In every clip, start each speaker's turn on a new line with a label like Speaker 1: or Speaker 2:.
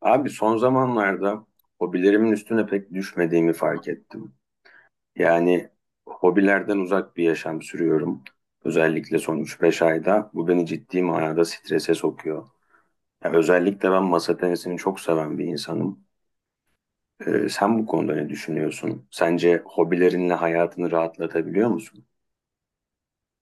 Speaker 1: Abi son zamanlarda hobilerimin üstüne pek düşmediğimi fark ettim. Yani hobilerden uzak bir yaşam sürüyorum. Özellikle son üç beş ayda bu beni ciddi manada strese sokuyor. Ya özellikle ben masa tenisini çok seven bir insanım. Sen bu konuda ne düşünüyorsun? Sence hobilerinle hayatını rahatlatabiliyor musun?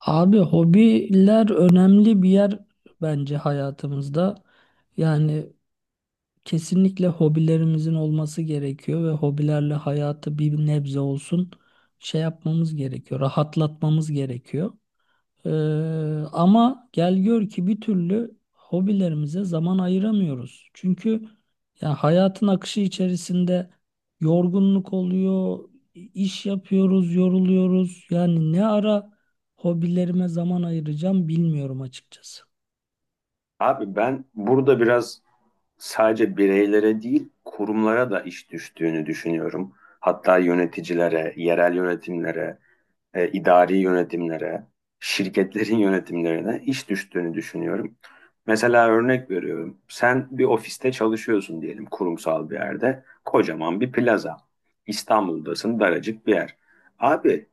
Speaker 2: Abi hobiler önemli bir yer bence hayatımızda. Yani kesinlikle hobilerimizin olması gerekiyor ve hobilerle hayatı bir nebze olsun şey yapmamız gerekiyor, rahatlatmamız gerekiyor. Ee, Ama gel gör ki bir türlü hobilerimize zaman ayıramıyoruz. Çünkü yani hayatın akışı içerisinde yorgunluk oluyor, iş yapıyoruz, yoruluyoruz. Yani ne ara hobilerime zaman ayıracağım bilmiyorum açıkçası.
Speaker 1: Abi ben burada biraz sadece bireylere değil kurumlara da iş düştüğünü düşünüyorum. Hatta yöneticilere, yerel yönetimlere, idari yönetimlere, şirketlerin yönetimlerine iş düştüğünü düşünüyorum. Mesela örnek veriyorum. Sen bir ofiste çalışıyorsun diyelim, kurumsal bir yerde. Kocaman bir plaza. İstanbul'dasın, daracık bir yer. Abi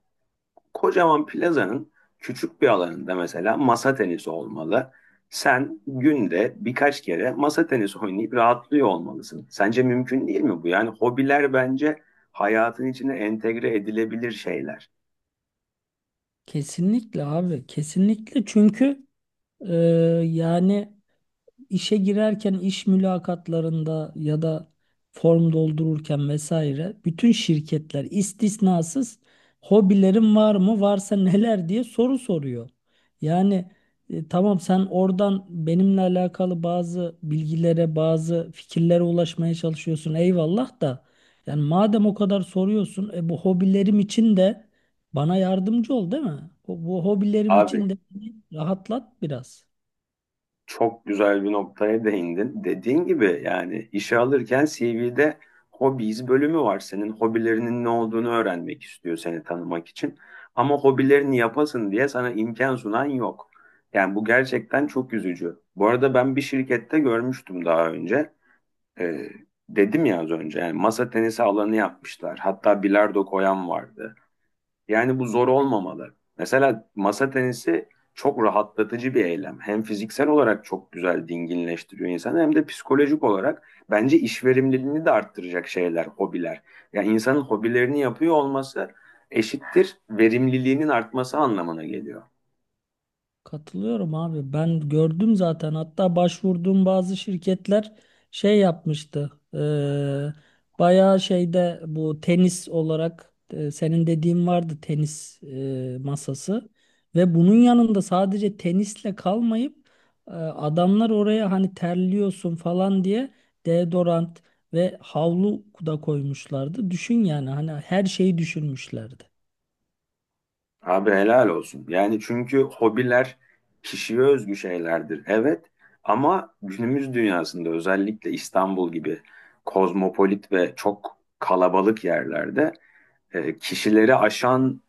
Speaker 1: kocaman plazanın küçük bir alanında mesela masa tenisi olmalı. Sen günde birkaç kere masa tenisi oynayıp rahatlıyor olmalısın. Sence mümkün değil mi bu? Yani hobiler bence hayatın içine entegre edilebilir şeyler.
Speaker 2: Kesinlikle abi, kesinlikle çünkü e, yani. İşe girerken iş mülakatlarında ya da form doldururken vesaire bütün şirketler istisnasız hobilerin var mı varsa neler diye soru soruyor. Yani tamam sen oradan benimle alakalı bazı bilgilere bazı fikirlere ulaşmaya çalışıyorsun eyvallah da yani madem o kadar soruyorsun bu hobilerim için de bana yardımcı ol değil mi? Bu hobilerim
Speaker 1: Abi
Speaker 2: için de rahatlat biraz.
Speaker 1: çok güzel bir noktaya değindin. Dediğin gibi yani işe alırken CV'de hobbies bölümü var. Senin hobilerinin ne olduğunu öğrenmek istiyor, seni tanımak için. Ama hobilerini yapasın diye sana imkan sunan yok. Yani bu gerçekten çok üzücü. Bu arada ben bir şirkette görmüştüm daha önce. Ee, dedim ya az önce, yani masa tenisi alanı yapmışlar. Hatta bilardo koyan vardı. Yani bu zor olmamalı. Mesela masa tenisi çok rahatlatıcı bir eylem. Hem fiziksel olarak çok güzel dinginleştiriyor insanı, hem de psikolojik olarak bence iş verimliliğini de arttıracak şeyler, hobiler. Yani insanın hobilerini yapıyor olması eşittir verimliliğinin artması anlamına geliyor.
Speaker 2: Katılıyorum abi. Ben gördüm zaten. Hatta başvurduğum bazı şirketler şey yapmıştı. Bayağı şeyde bu tenis olarak, senin dediğin vardı tenis, masası ve bunun yanında sadece tenisle kalmayıp adamlar oraya hani terliyorsun falan diye deodorant ve havlu da koymuşlardı. Düşün yani hani her şeyi düşünmüşlerdi.
Speaker 1: Abi helal olsun. Yani çünkü hobiler kişiye özgü şeylerdir. Evet, ama günümüz dünyasında özellikle İstanbul gibi kozmopolit ve çok kalabalık yerlerde kişileri aşan,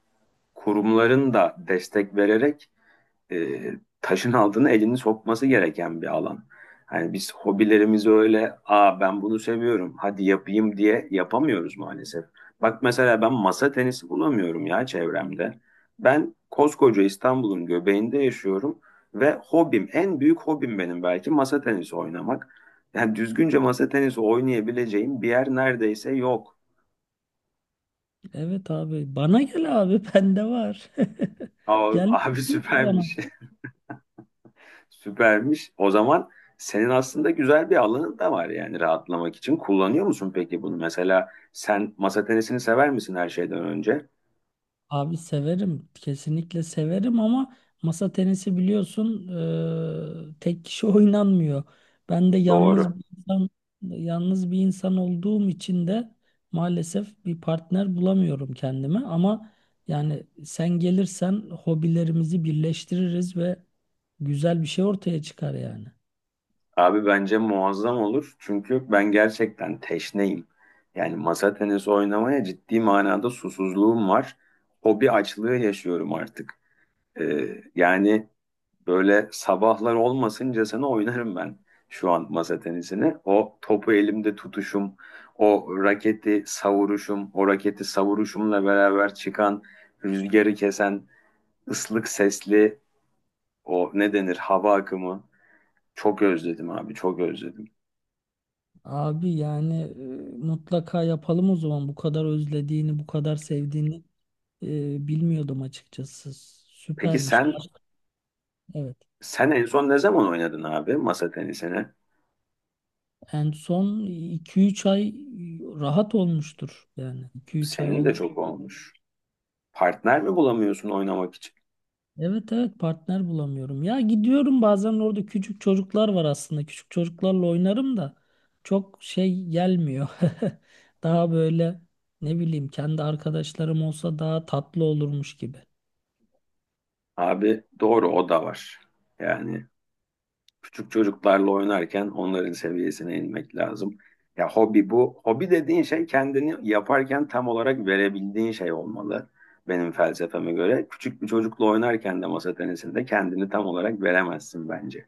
Speaker 1: kurumların da destek vererek e, taşın altına elini sokması gereken bir alan. Yani biz hobilerimizi öyle, aa ben bunu seviyorum, hadi yapayım diye yapamıyoruz maalesef. Bak mesela ben masa tenisi bulamıyorum ya çevremde. Ben koskoca İstanbul'un göbeğinde yaşıyorum ve hobim, en büyük hobim benim belki masa tenisi oynamak. Yani düzgünce masa tenisi oynayabileceğim bir yer neredeyse yok.
Speaker 2: Evet abi bana gel abi bende var.
Speaker 1: Aa, abi
Speaker 2: Gelmiyorsun ki bana.
Speaker 1: süpermiş. Süpermiş. O zaman senin aslında güzel bir alanın da var yani rahatlamak için. Kullanıyor musun peki bunu? Mesela sen masa tenisini sever misin her şeyden önce?
Speaker 2: Abi severim. Kesinlikle severim ama masa tenisi biliyorsun tek kişi oynanmıyor. Ben de yalnız
Speaker 1: Doğru.
Speaker 2: bir insan, yalnız bir insan olduğum için de maalesef bir partner bulamıyorum kendime ama yani sen gelirsen hobilerimizi birleştiririz ve güzel bir şey ortaya çıkar yani.
Speaker 1: Abi bence muazzam olur. Çünkü ben gerçekten teşneyim. Yani masa tenisi oynamaya ciddi manada susuzluğum var. Hobi açlığı yaşıyorum artık. Yani böyle sabahlar olmasıncasına oynarım ben şu an masa tenisini. O topu elimde tutuşum, o raketi savuruşum, o raketi savuruşumla beraber çıkan rüzgarı kesen ıslık sesli o ne denir hava akımı. Çok özledim abi, çok özledim.
Speaker 2: Abi yani mutlaka yapalım o zaman. Bu kadar özlediğini, bu kadar sevdiğini bilmiyordum açıkçası.
Speaker 1: Peki
Speaker 2: Süpermiş.
Speaker 1: sen,
Speaker 2: Evet.
Speaker 1: sen en son ne zaman oynadın abi masa tenisini?
Speaker 2: En son iki üç ay rahat olmuştur yani. İki üç ay
Speaker 1: Senin de
Speaker 2: olmuş.
Speaker 1: çok olmuş. Partner mi bulamıyorsun oynamak için?
Speaker 2: Evet, evet, partner bulamıyorum. Ya gidiyorum bazen, orada küçük çocuklar var aslında. Küçük çocuklarla oynarım da çok şey gelmiyor. Daha böyle ne bileyim, kendi arkadaşlarım olsa daha tatlı olurmuş gibi.
Speaker 1: Abi doğru, o da var. Yani küçük çocuklarla oynarken onların seviyesine inmek lazım. Ya hobi bu. Hobi dediğin şey kendini yaparken tam olarak verebildiğin şey olmalı. Benim felsefeme göre. Küçük bir çocukla oynarken de masa tenisinde kendini tam olarak veremezsin bence.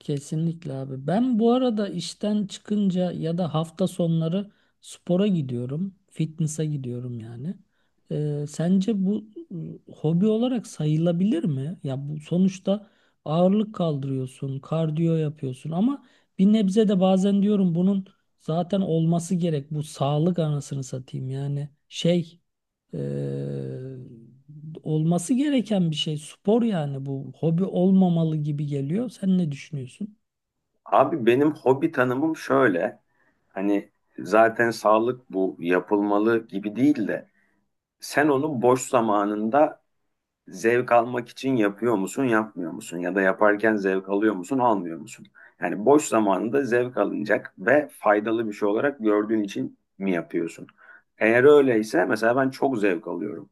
Speaker 2: Kesinlikle abi. Ben bu arada işten çıkınca ya da hafta sonları spora gidiyorum. Fitness'a gidiyorum yani. Sence bu hobi olarak sayılabilir mi? Ya bu sonuçta ağırlık kaldırıyorsun, kardiyo yapıyorsun ama bir nebze de bazen diyorum bunun zaten olması gerek. Bu sağlık anasını satayım yani şey e, olması gereken bir şey. Spor yani bu hobi olmamalı gibi geliyor. Sen ne düşünüyorsun?
Speaker 1: Abi benim hobi tanımım şöyle. Hani zaten sağlık bu yapılmalı gibi değil de sen onu boş zamanında zevk almak için yapıyor musun, yapmıyor musun? Ya da yaparken zevk alıyor musun, almıyor musun? Yani boş zamanında zevk alınacak ve faydalı bir şey olarak gördüğün için mi yapıyorsun? Eğer öyleyse mesela ben çok zevk alıyorum.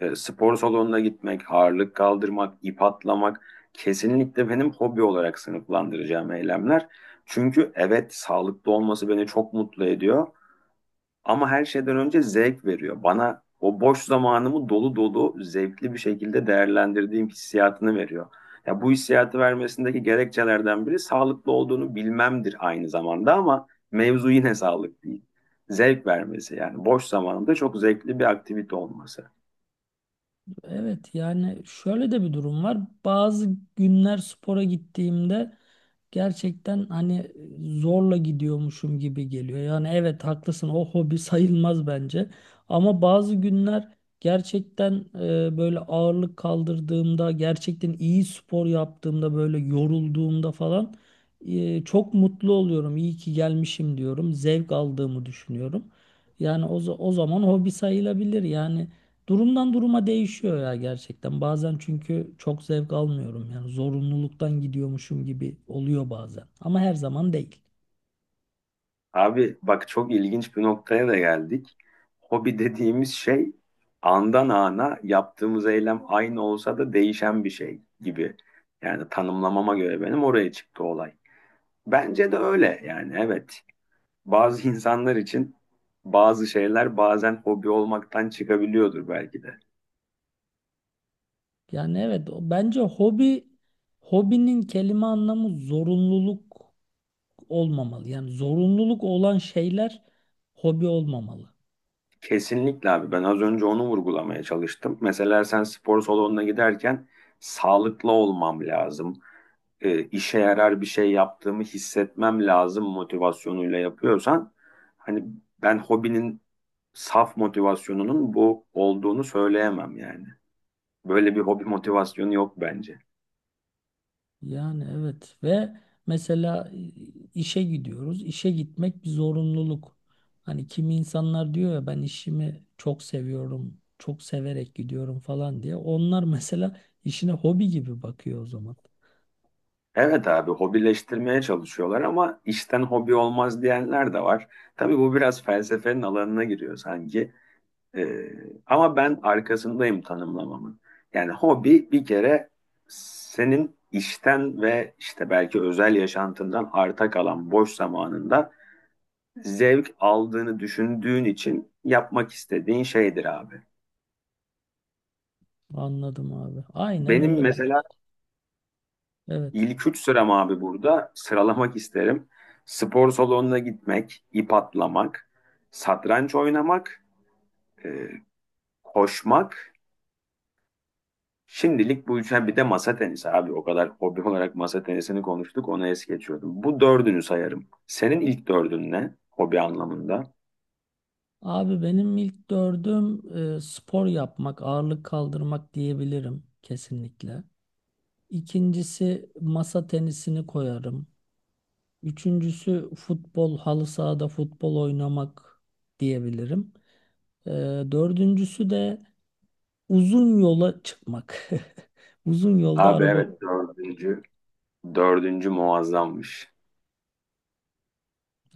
Speaker 1: E, spor salonuna gitmek, ağırlık kaldırmak, ip atlamak kesinlikle benim hobi olarak sınıflandıracağım eylemler. Çünkü evet sağlıklı olması beni çok mutlu ediyor. Ama her şeyden önce zevk veriyor. Bana o boş zamanımı dolu dolu zevkli bir şekilde değerlendirdiğim hissiyatını veriyor. Ya bu hissiyatı vermesindeki gerekçelerden biri sağlıklı olduğunu bilmemdir aynı zamanda, ama mevzu yine sağlık değil. Zevk vermesi, yani boş zamanında çok zevkli bir aktivite olması.
Speaker 2: Evet yani şöyle de bir durum var. Bazı günler spora gittiğimde gerçekten hani zorla gidiyormuşum gibi geliyor. Yani evet haklısın, o hobi sayılmaz bence. Ama bazı günler gerçekten böyle ağırlık kaldırdığımda, gerçekten iyi spor yaptığımda, böyle yorulduğumda falan çok mutlu oluyorum. İyi ki gelmişim diyorum. Zevk aldığımı düşünüyorum. Yani o zaman hobi sayılabilir. Yani durumdan duruma değişiyor ya gerçekten. Bazen çünkü çok zevk almıyorum. Yani zorunluluktan gidiyormuşum gibi oluyor bazen. Ama her zaman değil.
Speaker 1: Abi bak çok ilginç bir noktaya da geldik. Hobi dediğimiz şey andan ana yaptığımız eylem aynı olsa da değişen bir şey gibi. Yani tanımlamama göre benim oraya çıktı olay. Bence de öyle yani, evet. Bazı insanlar için bazı şeyler bazen hobi olmaktan çıkabiliyordur belki de.
Speaker 2: Yani evet, bence hobinin kelime anlamı zorunluluk olmamalı. Yani zorunluluk olan şeyler hobi olmamalı.
Speaker 1: Kesinlikle abi, ben az önce onu vurgulamaya çalıştım. Mesela sen spor salonuna giderken sağlıklı olmam lazım, işe yarar bir şey yaptığımı hissetmem lazım motivasyonuyla yapıyorsan, hani, ben hobinin saf motivasyonunun bu olduğunu söyleyemem yani. Böyle bir hobi motivasyonu yok bence.
Speaker 2: Yani evet ve mesela işe gidiyoruz. İşe gitmek bir zorunluluk. Hani kimi insanlar diyor ya ben işimi çok seviyorum, çok severek gidiyorum falan diye. Onlar mesela işine hobi gibi bakıyor o zaman.
Speaker 1: Evet abi, hobileştirmeye çalışıyorlar ama işten hobi olmaz diyenler de var. Tabii bu biraz felsefenin alanına giriyor sanki. Ee, ama ben arkasındayım tanımlamamın. Yani hobi bir kere senin işten ve işte belki özel yaşantından arta kalan boş zamanında zevk aldığını düşündüğün için yapmak istediğin şeydir abi.
Speaker 2: Anladım abi. Aynen
Speaker 1: Benim
Speaker 2: öyle ben.
Speaker 1: mesela
Speaker 2: Evet.
Speaker 1: ilk üç sıram abi, burada sıralamak isterim. Spor salonuna gitmek, ip atlamak, satranç oynamak, e, koşmak. Şimdilik bu üç, bir de masa tenisi abi. O kadar hobi olarak masa tenisini konuştuk. Onu es geçiyordum. Bu dördünü sayarım. Senin ilk dördün ne? Hobi anlamında.
Speaker 2: Abi benim ilk dördüm spor yapmak, ağırlık kaldırmak diyebilirim kesinlikle. İkincisi masa tenisini koyarım. Üçüncüsü futbol, halı sahada futbol oynamak diyebilirim. Ee, Dördüncüsü de uzun yola çıkmak. Uzun yolda
Speaker 1: Abi
Speaker 2: araba.
Speaker 1: evet, dördüncü. Dördüncü muazzammış.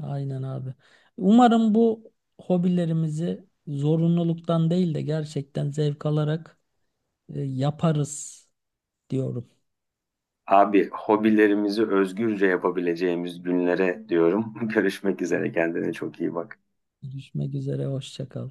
Speaker 2: Aynen abi. Umarım bu hobilerimizi zorunluluktan değil de gerçekten zevk alarak yaparız diyorum.
Speaker 1: Abi hobilerimizi özgürce yapabileceğimiz günlere diyorum. Görüşmek üzere. Kendine çok iyi bak.
Speaker 2: Görüşmek üzere, hoşça kal.